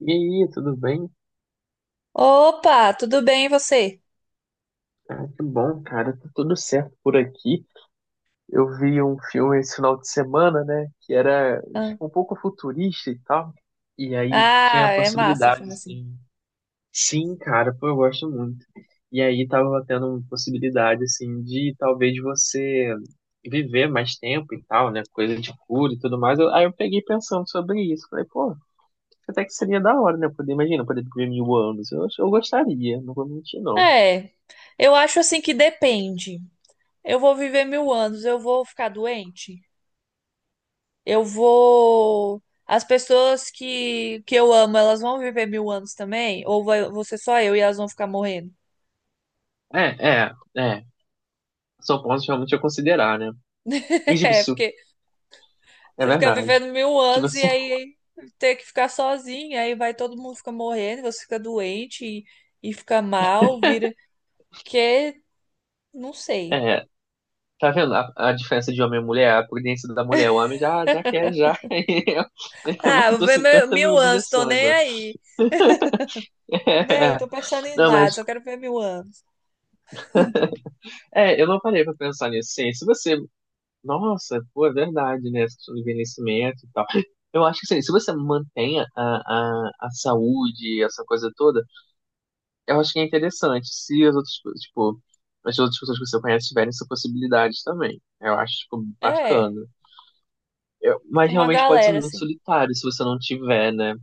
E aí, tudo bem? Opa, tudo bem e você? Ah, que bom, cara. Tá tudo certo por aqui. Eu vi um filme esse final de semana, né? Que era Ah, tipo, um pouco futurista e tal. E aí tinha ah, a é massa possibilidade, filme assim. assim. Sim, cara, pô, eu gosto muito. E aí tava tendo uma possibilidade, assim, de talvez você viver mais tempo e tal, né? Coisa de cura e tudo mais. Aí eu peguei pensando sobre isso. Falei, pô, até que seria da hora, né? Poder, imagina, poder viver 1.000 anos. Eu gostaria, não vou mentir, não. É, eu acho assim que depende. Eu vou viver 1.000 anos, eu vou ficar doente? Eu vou. As pessoas que eu amo, elas vão viver 1.000 anos também? Ou vou ser só eu e elas vão ficar morrendo? É, é, é. São pontos realmente a considerar, né? E digo, É, isso porque é você fica vivendo verdade. mil Tipo anos e assim, aí ter que ficar sozinha, aí vai todo mundo fica morrendo, você fica doente e fica mal, vira. Que, não sei. é, tá vendo a diferença de homem e mulher? A prudência da mulher. O homem já, já quer, já. Ele Ah, vou levantou ver 50 mil 1.000 anos, tô objeções, nem ó. aí. Nem aí, É, tô pensando em não, mas, nada, só quero ver 1.000 anos. Eu não parei pra pensar nisso. Sim, se você. Nossa, pô, é verdade, né? Essa questão do envelhecimento e tal. Eu acho que assim, se você mantém a saúde, essa coisa toda. Eu acho que é interessante se as outras pessoas que você conhece tiverem essa possibilidade também. Eu acho, tipo, É, bacana. Mas tipo uma realmente pode ser galera, muito assim. solitário se você não tiver, né?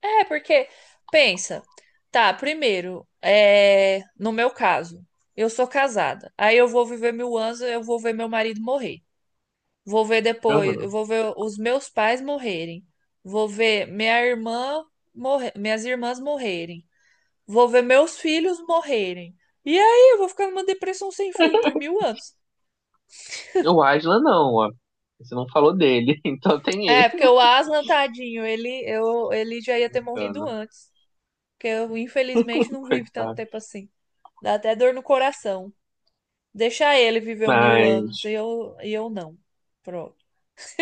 É, porque, pensa, tá, primeiro, é, no meu caso, eu sou casada. Aí eu vou viver 1.000 anos, eu vou ver meu marido morrer. Vou ver depois, eu Uhum. vou ver os meus pais morrerem. Vou ver minha irmã morrer, minhas irmãs morrerem. Vou ver meus filhos morrerem. E aí, eu vou ficar numa depressão sem fim por 1.000 anos. O Aslan não, ó. Você não falou dele, então tem É, ele. porque o Aslan, tadinho, ele já ia ter morrido Bacana, antes. Porque eu, infelizmente, não vivo tanto coitado. tempo assim. Dá até dor no coração. Deixar ele viver mil anos e Mas, eu não. Pronto.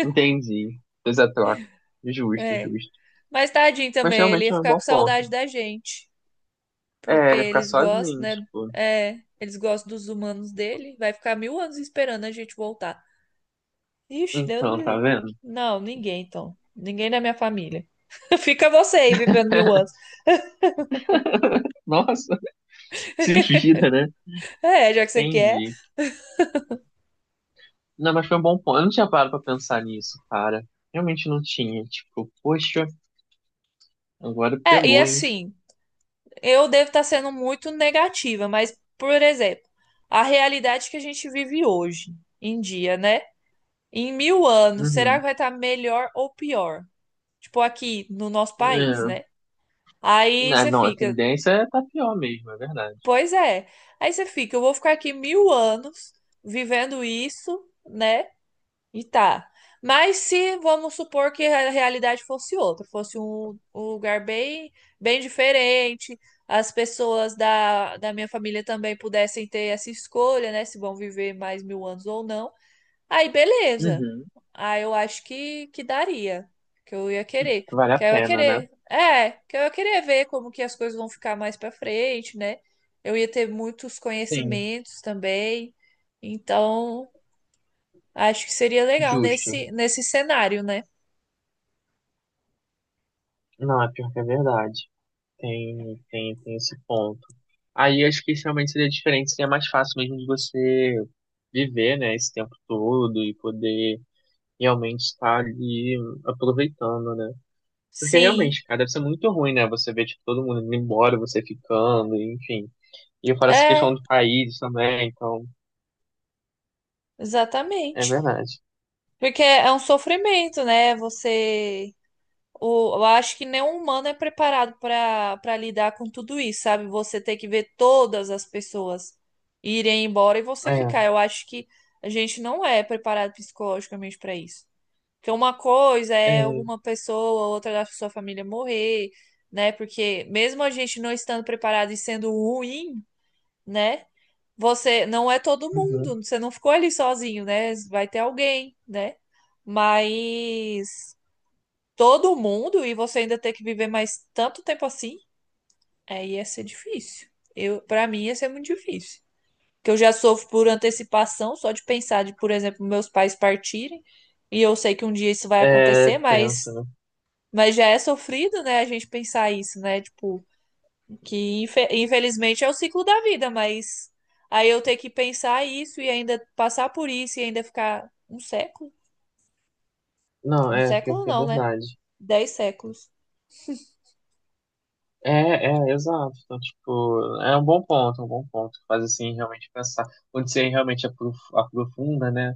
entendi. Fez a troca. Justo, É. justo. Mas tadinho Mas também, ele realmente ia é um ficar bom com ponto. saudade da gente. É, Porque ele ficar eles gostam, sozinho, né? tipo. É, eles gostam dos humanos dele. Vai ficar 1.000 anos esperando a gente voltar. Ixi, Deus me Então, tá livre. vendo? Não, ninguém, então. Ninguém da minha família. Fica você aí vivendo 1.000 anos. Nossa, se vira, né? É, já que você quer. Entendi. Não, mas foi um bom ponto. Eu não tinha parado pra pensar nisso, cara. Realmente não tinha. Tipo, poxa, agora É, e pegou, hein? assim, eu devo estar sendo muito negativa, mas, por exemplo, a realidade que a gente vive hoje em dia, né? Em 1.000 anos, será que Uhum. vai estar melhor ou pior? Tipo, aqui no nosso país, né? É. Aí Ah, você não, a fica, tendência é tá pior mesmo, é verdade. pois é. Aí você fica, eu vou ficar aqui 1.000 anos vivendo isso, né? E tá. Mas se vamos supor que a realidade fosse outra, fosse um, um lugar bem, bem diferente, as pessoas da minha família também pudessem ter essa escolha, né? Se vão viver mais 1.000 anos ou não. Aí, beleza. Uhum. Aí eu acho que daria. Que eu ia querer. Vale Que a eu ia pena, né? querer. É, que eu ia querer ver como que as coisas vão ficar mais pra frente, né? Eu ia ter muitos Sim, conhecimentos também. Então. Acho que seria legal justo. nesse cenário, né? Não, é pior que é verdade. Tem esse ponto. Aí acho que realmente seria diferente, seria mais fácil mesmo de você viver, né, esse tempo todo e poder realmente estar ali aproveitando, né? Porque Sim, realmente, cara, deve ser muito ruim, né? Você ver, tipo, todo mundo indo embora, você ficando, enfim. E eu falo essa questão é, do país também, então, é exatamente. verdade. Porque é um sofrimento, né? Você. O, eu acho que nenhum humano é preparado para lidar com tudo isso, sabe? Você ter que ver todas as pessoas irem embora e você É, ficar. Eu acho que a gente não é preparado psicologicamente para isso. Porque uma coisa é é, uma pessoa, outra da sua família morrer, né? Porque mesmo a gente não estando preparado e sendo ruim, né? Você não é todo mundo, uhum. você não ficou ali sozinho, né? Vai ter alguém, né? Mas todo mundo e você ainda ter que viver mais tanto tempo assim, aí ia ser difícil. Eu, para mim ia ser muito difícil. Que eu já sofro por antecipação, só de pensar de, por exemplo, meus pais partirem, e eu sei que um dia isso vai É acontecer, mas tenso, né? mas já é sofrido, né, a gente pensar isso, né? Tipo, que infelizmente é o ciclo da vida, mas aí eu ter que pensar isso e ainda passar por isso e ainda ficar um século? Não, Um é pior século que é não, né? verdade. 10 séculos. É, é, exato. Então, tipo, é um bom ponto, é um bom ponto. Faz, assim, realmente pensar. Onde você realmente aprofunda, né?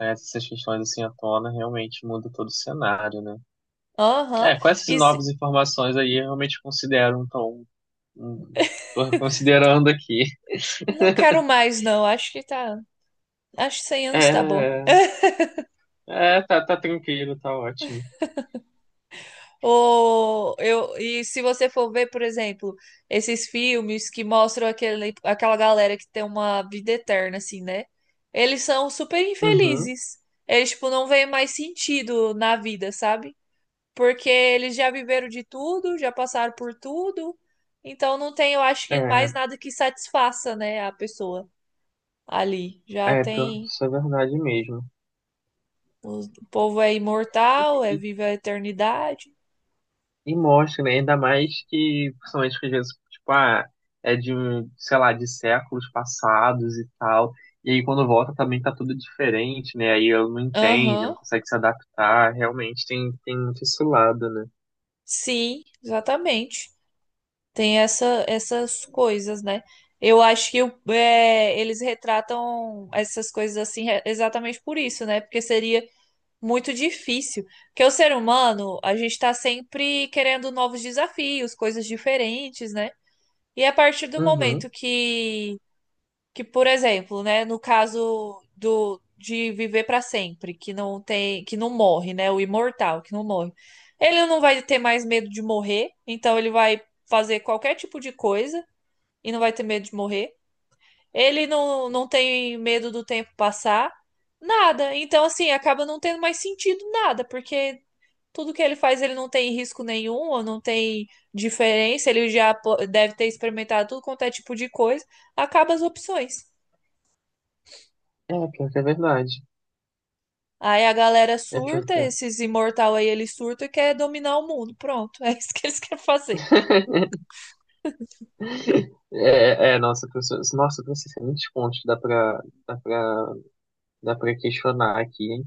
Essas questões, assim, à tona, realmente muda todo o cenário, né? Aham. É, com essas E se- novas informações aí, eu realmente considero, então, Hum, tô considerando aqui. não quero mais, não. Acho que tá. Acho que 100 anos tá bom. É, é tá, tá tranquilo, tá ótimo. Ou eu, e se você for ver, por exemplo, esses filmes que mostram aquele, aquela galera que tem uma vida eterna, assim, né? Eles são super Uhum. infelizes. Eles, tipo, não veem mais sentido na vida, sabe? Porque eles já viveram de tudo, já passaram por tudo, então não tem, eu acho que É, mais nada que satisfaça, né, a pessoa ali. Já é, pior que tem, isso é verdade mesmo. o povo é imortal, é E, vive a eternidade. e mostra, né? Ainda mais que, principalmente que às vezes, tipo, ah, é de, um, sei lá, de séculos passados e tal. E aí quando volta também tá tudo diferente, né? Aí eu não entende, não Aham, consegue se adaptar. Realmente tem, tem muito esse lado, né? sim, exatamente. Tem essa, essas coisas, né? Eu acho que o- é, eles retratam essas coisas assim exatamente por isso, né? Porque seria muito difícil. Porque o ser humano, a gente está sempre querendo novos desafios, coisas diferentes, né? E a partir do Uhum. momento que por exemplo, né, no caso do de viver para sempre, que não tem, que não morre, né, o imortal, que não morre. Ele não vai ter mais medo de morrer, então ele vai fazer qualquer tipo de coisa e não vai ter medo de morrer. Ele não tem medo do tempo passar. Nada. Então, assim, acaba não tendo mais sentido nada, porque tudo que ele faz, ele não tem risco nenhum, ou não tem diferença, ele já deve ter experimentado tudo quanto é tipo de coisa, acaba as opções. É, pior que é verdade. Aí a galera É pior surta, que é. esses imortal aí, ele surta e quer dominar o mundo. Pronto, é isso que eles querem fazer. É, é, nossa, professor, tem muitos pontos que dá pra, dá pra questionar aqui, hein?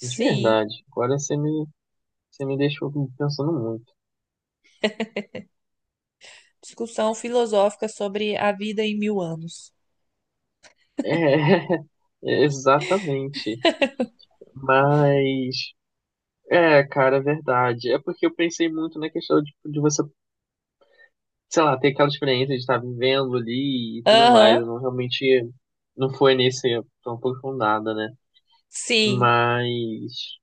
De verdade. Agora você me deixou pensando muito. discussão filosófica sobre a vida em 1.000 anos. É, é, exatamente. Mas, é, cara, é verdade. É porque eu pensei muito na questão de você, sei lá, ter aquela experiência de estar vivendo ali e tudo mais. Aham, Eu não realmente, não foi nesse tão aprofundada, né? sim. Mas,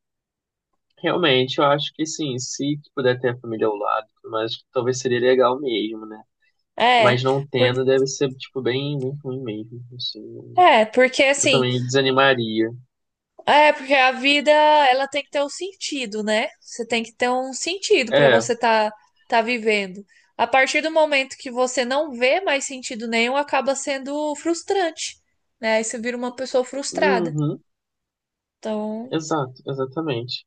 realmente, eu acho que sim, se puder ter a família ao lado, mas talvez seria legal mesmo, né? É, Mas não por... tendo, deve ser, tipo, bem, bem ruim mesmo, assim. é, porque Eu assim, também desanimaria. é, porque a vida, ela tem que ter um sentido, né? Você tem que ter um sentido para É, você tá vivendo. A partir do momento que você não vê mais sentido nenhum, acaba sendo frustrante, né? Aí você vira uma pessoa frustrada. uhum, Então, exato, exatamente.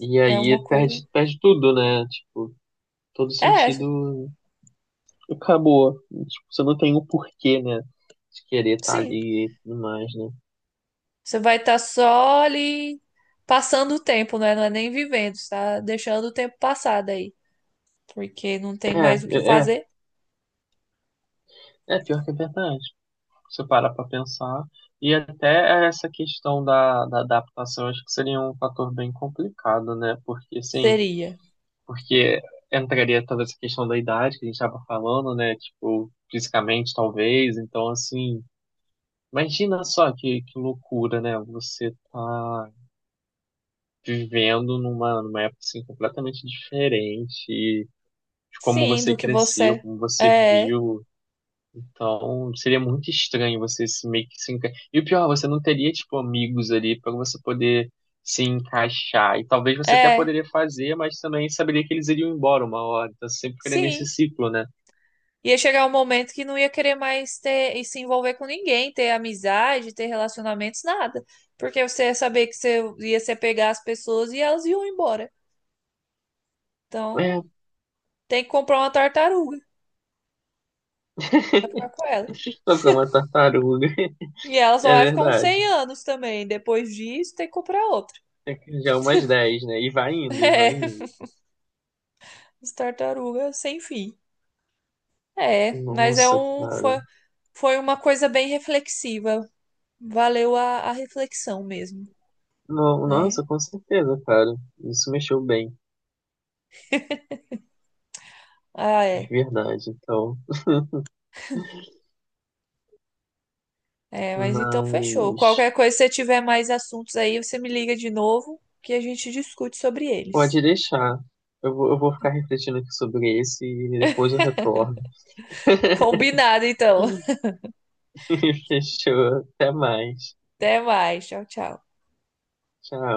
E é uma aí coisa. perde, perde tudo, né? Tipo, todo É, sentido acabou. Tipo, você não tem o porquê, né? De querer estar sim. ali e tudo mais, né? Você vai estar só ali passando o tempo, né? Não é nem vivendo, você tá deixando o tempo passar daí, porque não É, tem mais o que é, é, fazer. é pior que é verdade. Você para para pensar. E até essa questão da adaptação, acho que seria um fator bem complicado, né? Porque, assim, Seria. porque entraria toda essa questão da idade que a gente estava falando, né? Tipo, fisicamente, talvez. Então, assim, imagina só que loucura, né? Você tá vivendo numa época, assim, completamente diferente de como Sim, do você que cresceu, você. como você É. viu. Então, seria muito estranho você se meio que se enca... E o pior, você não teria, tipo, amigos ali para você poder se encaixar. E talvez você até É, poderia fazer, mas também saberia que eles iriam embora uma hora. Então, você sempre ficaria nesse sim. ciclo, né? Ia chegar um momento que não ia querer mais ter e se envolver com ninguém, ter amizade, ter relacionamentos, nada. Porque você ia saber que você ia se apegar às pessoas e elas iam embora. Então, É, tem que comprar uma tartaruga pra ficar com ela. vai ficar uma tartaruga. E ela só É vai ficar uns verdade. 100 anos também. Depois disso, tem que comprar outra. É que já é umas 10, né? E vai indo, e vai É, indo. as tartarugas sem fim. É, mas é Nossa, um, foi, cara. foi uma coisa bem reflexiva. Valeu a reflexão mesmo, né? Nossa, com certeza, cara. Isso mexeu bem, Ah, de é. verdade. Então, É, mas então fechou. mas. Qualquer coisa, se você tiver mais assuntos aí, você me liga de novo que a gente discute sobre eles. Pode deixar. Eu vou ficar refletindo aqui sobre esse e depois eu retorno. Combinado, então. Fechou. Até mais. Até mais. Tchau, tchau. Tchau.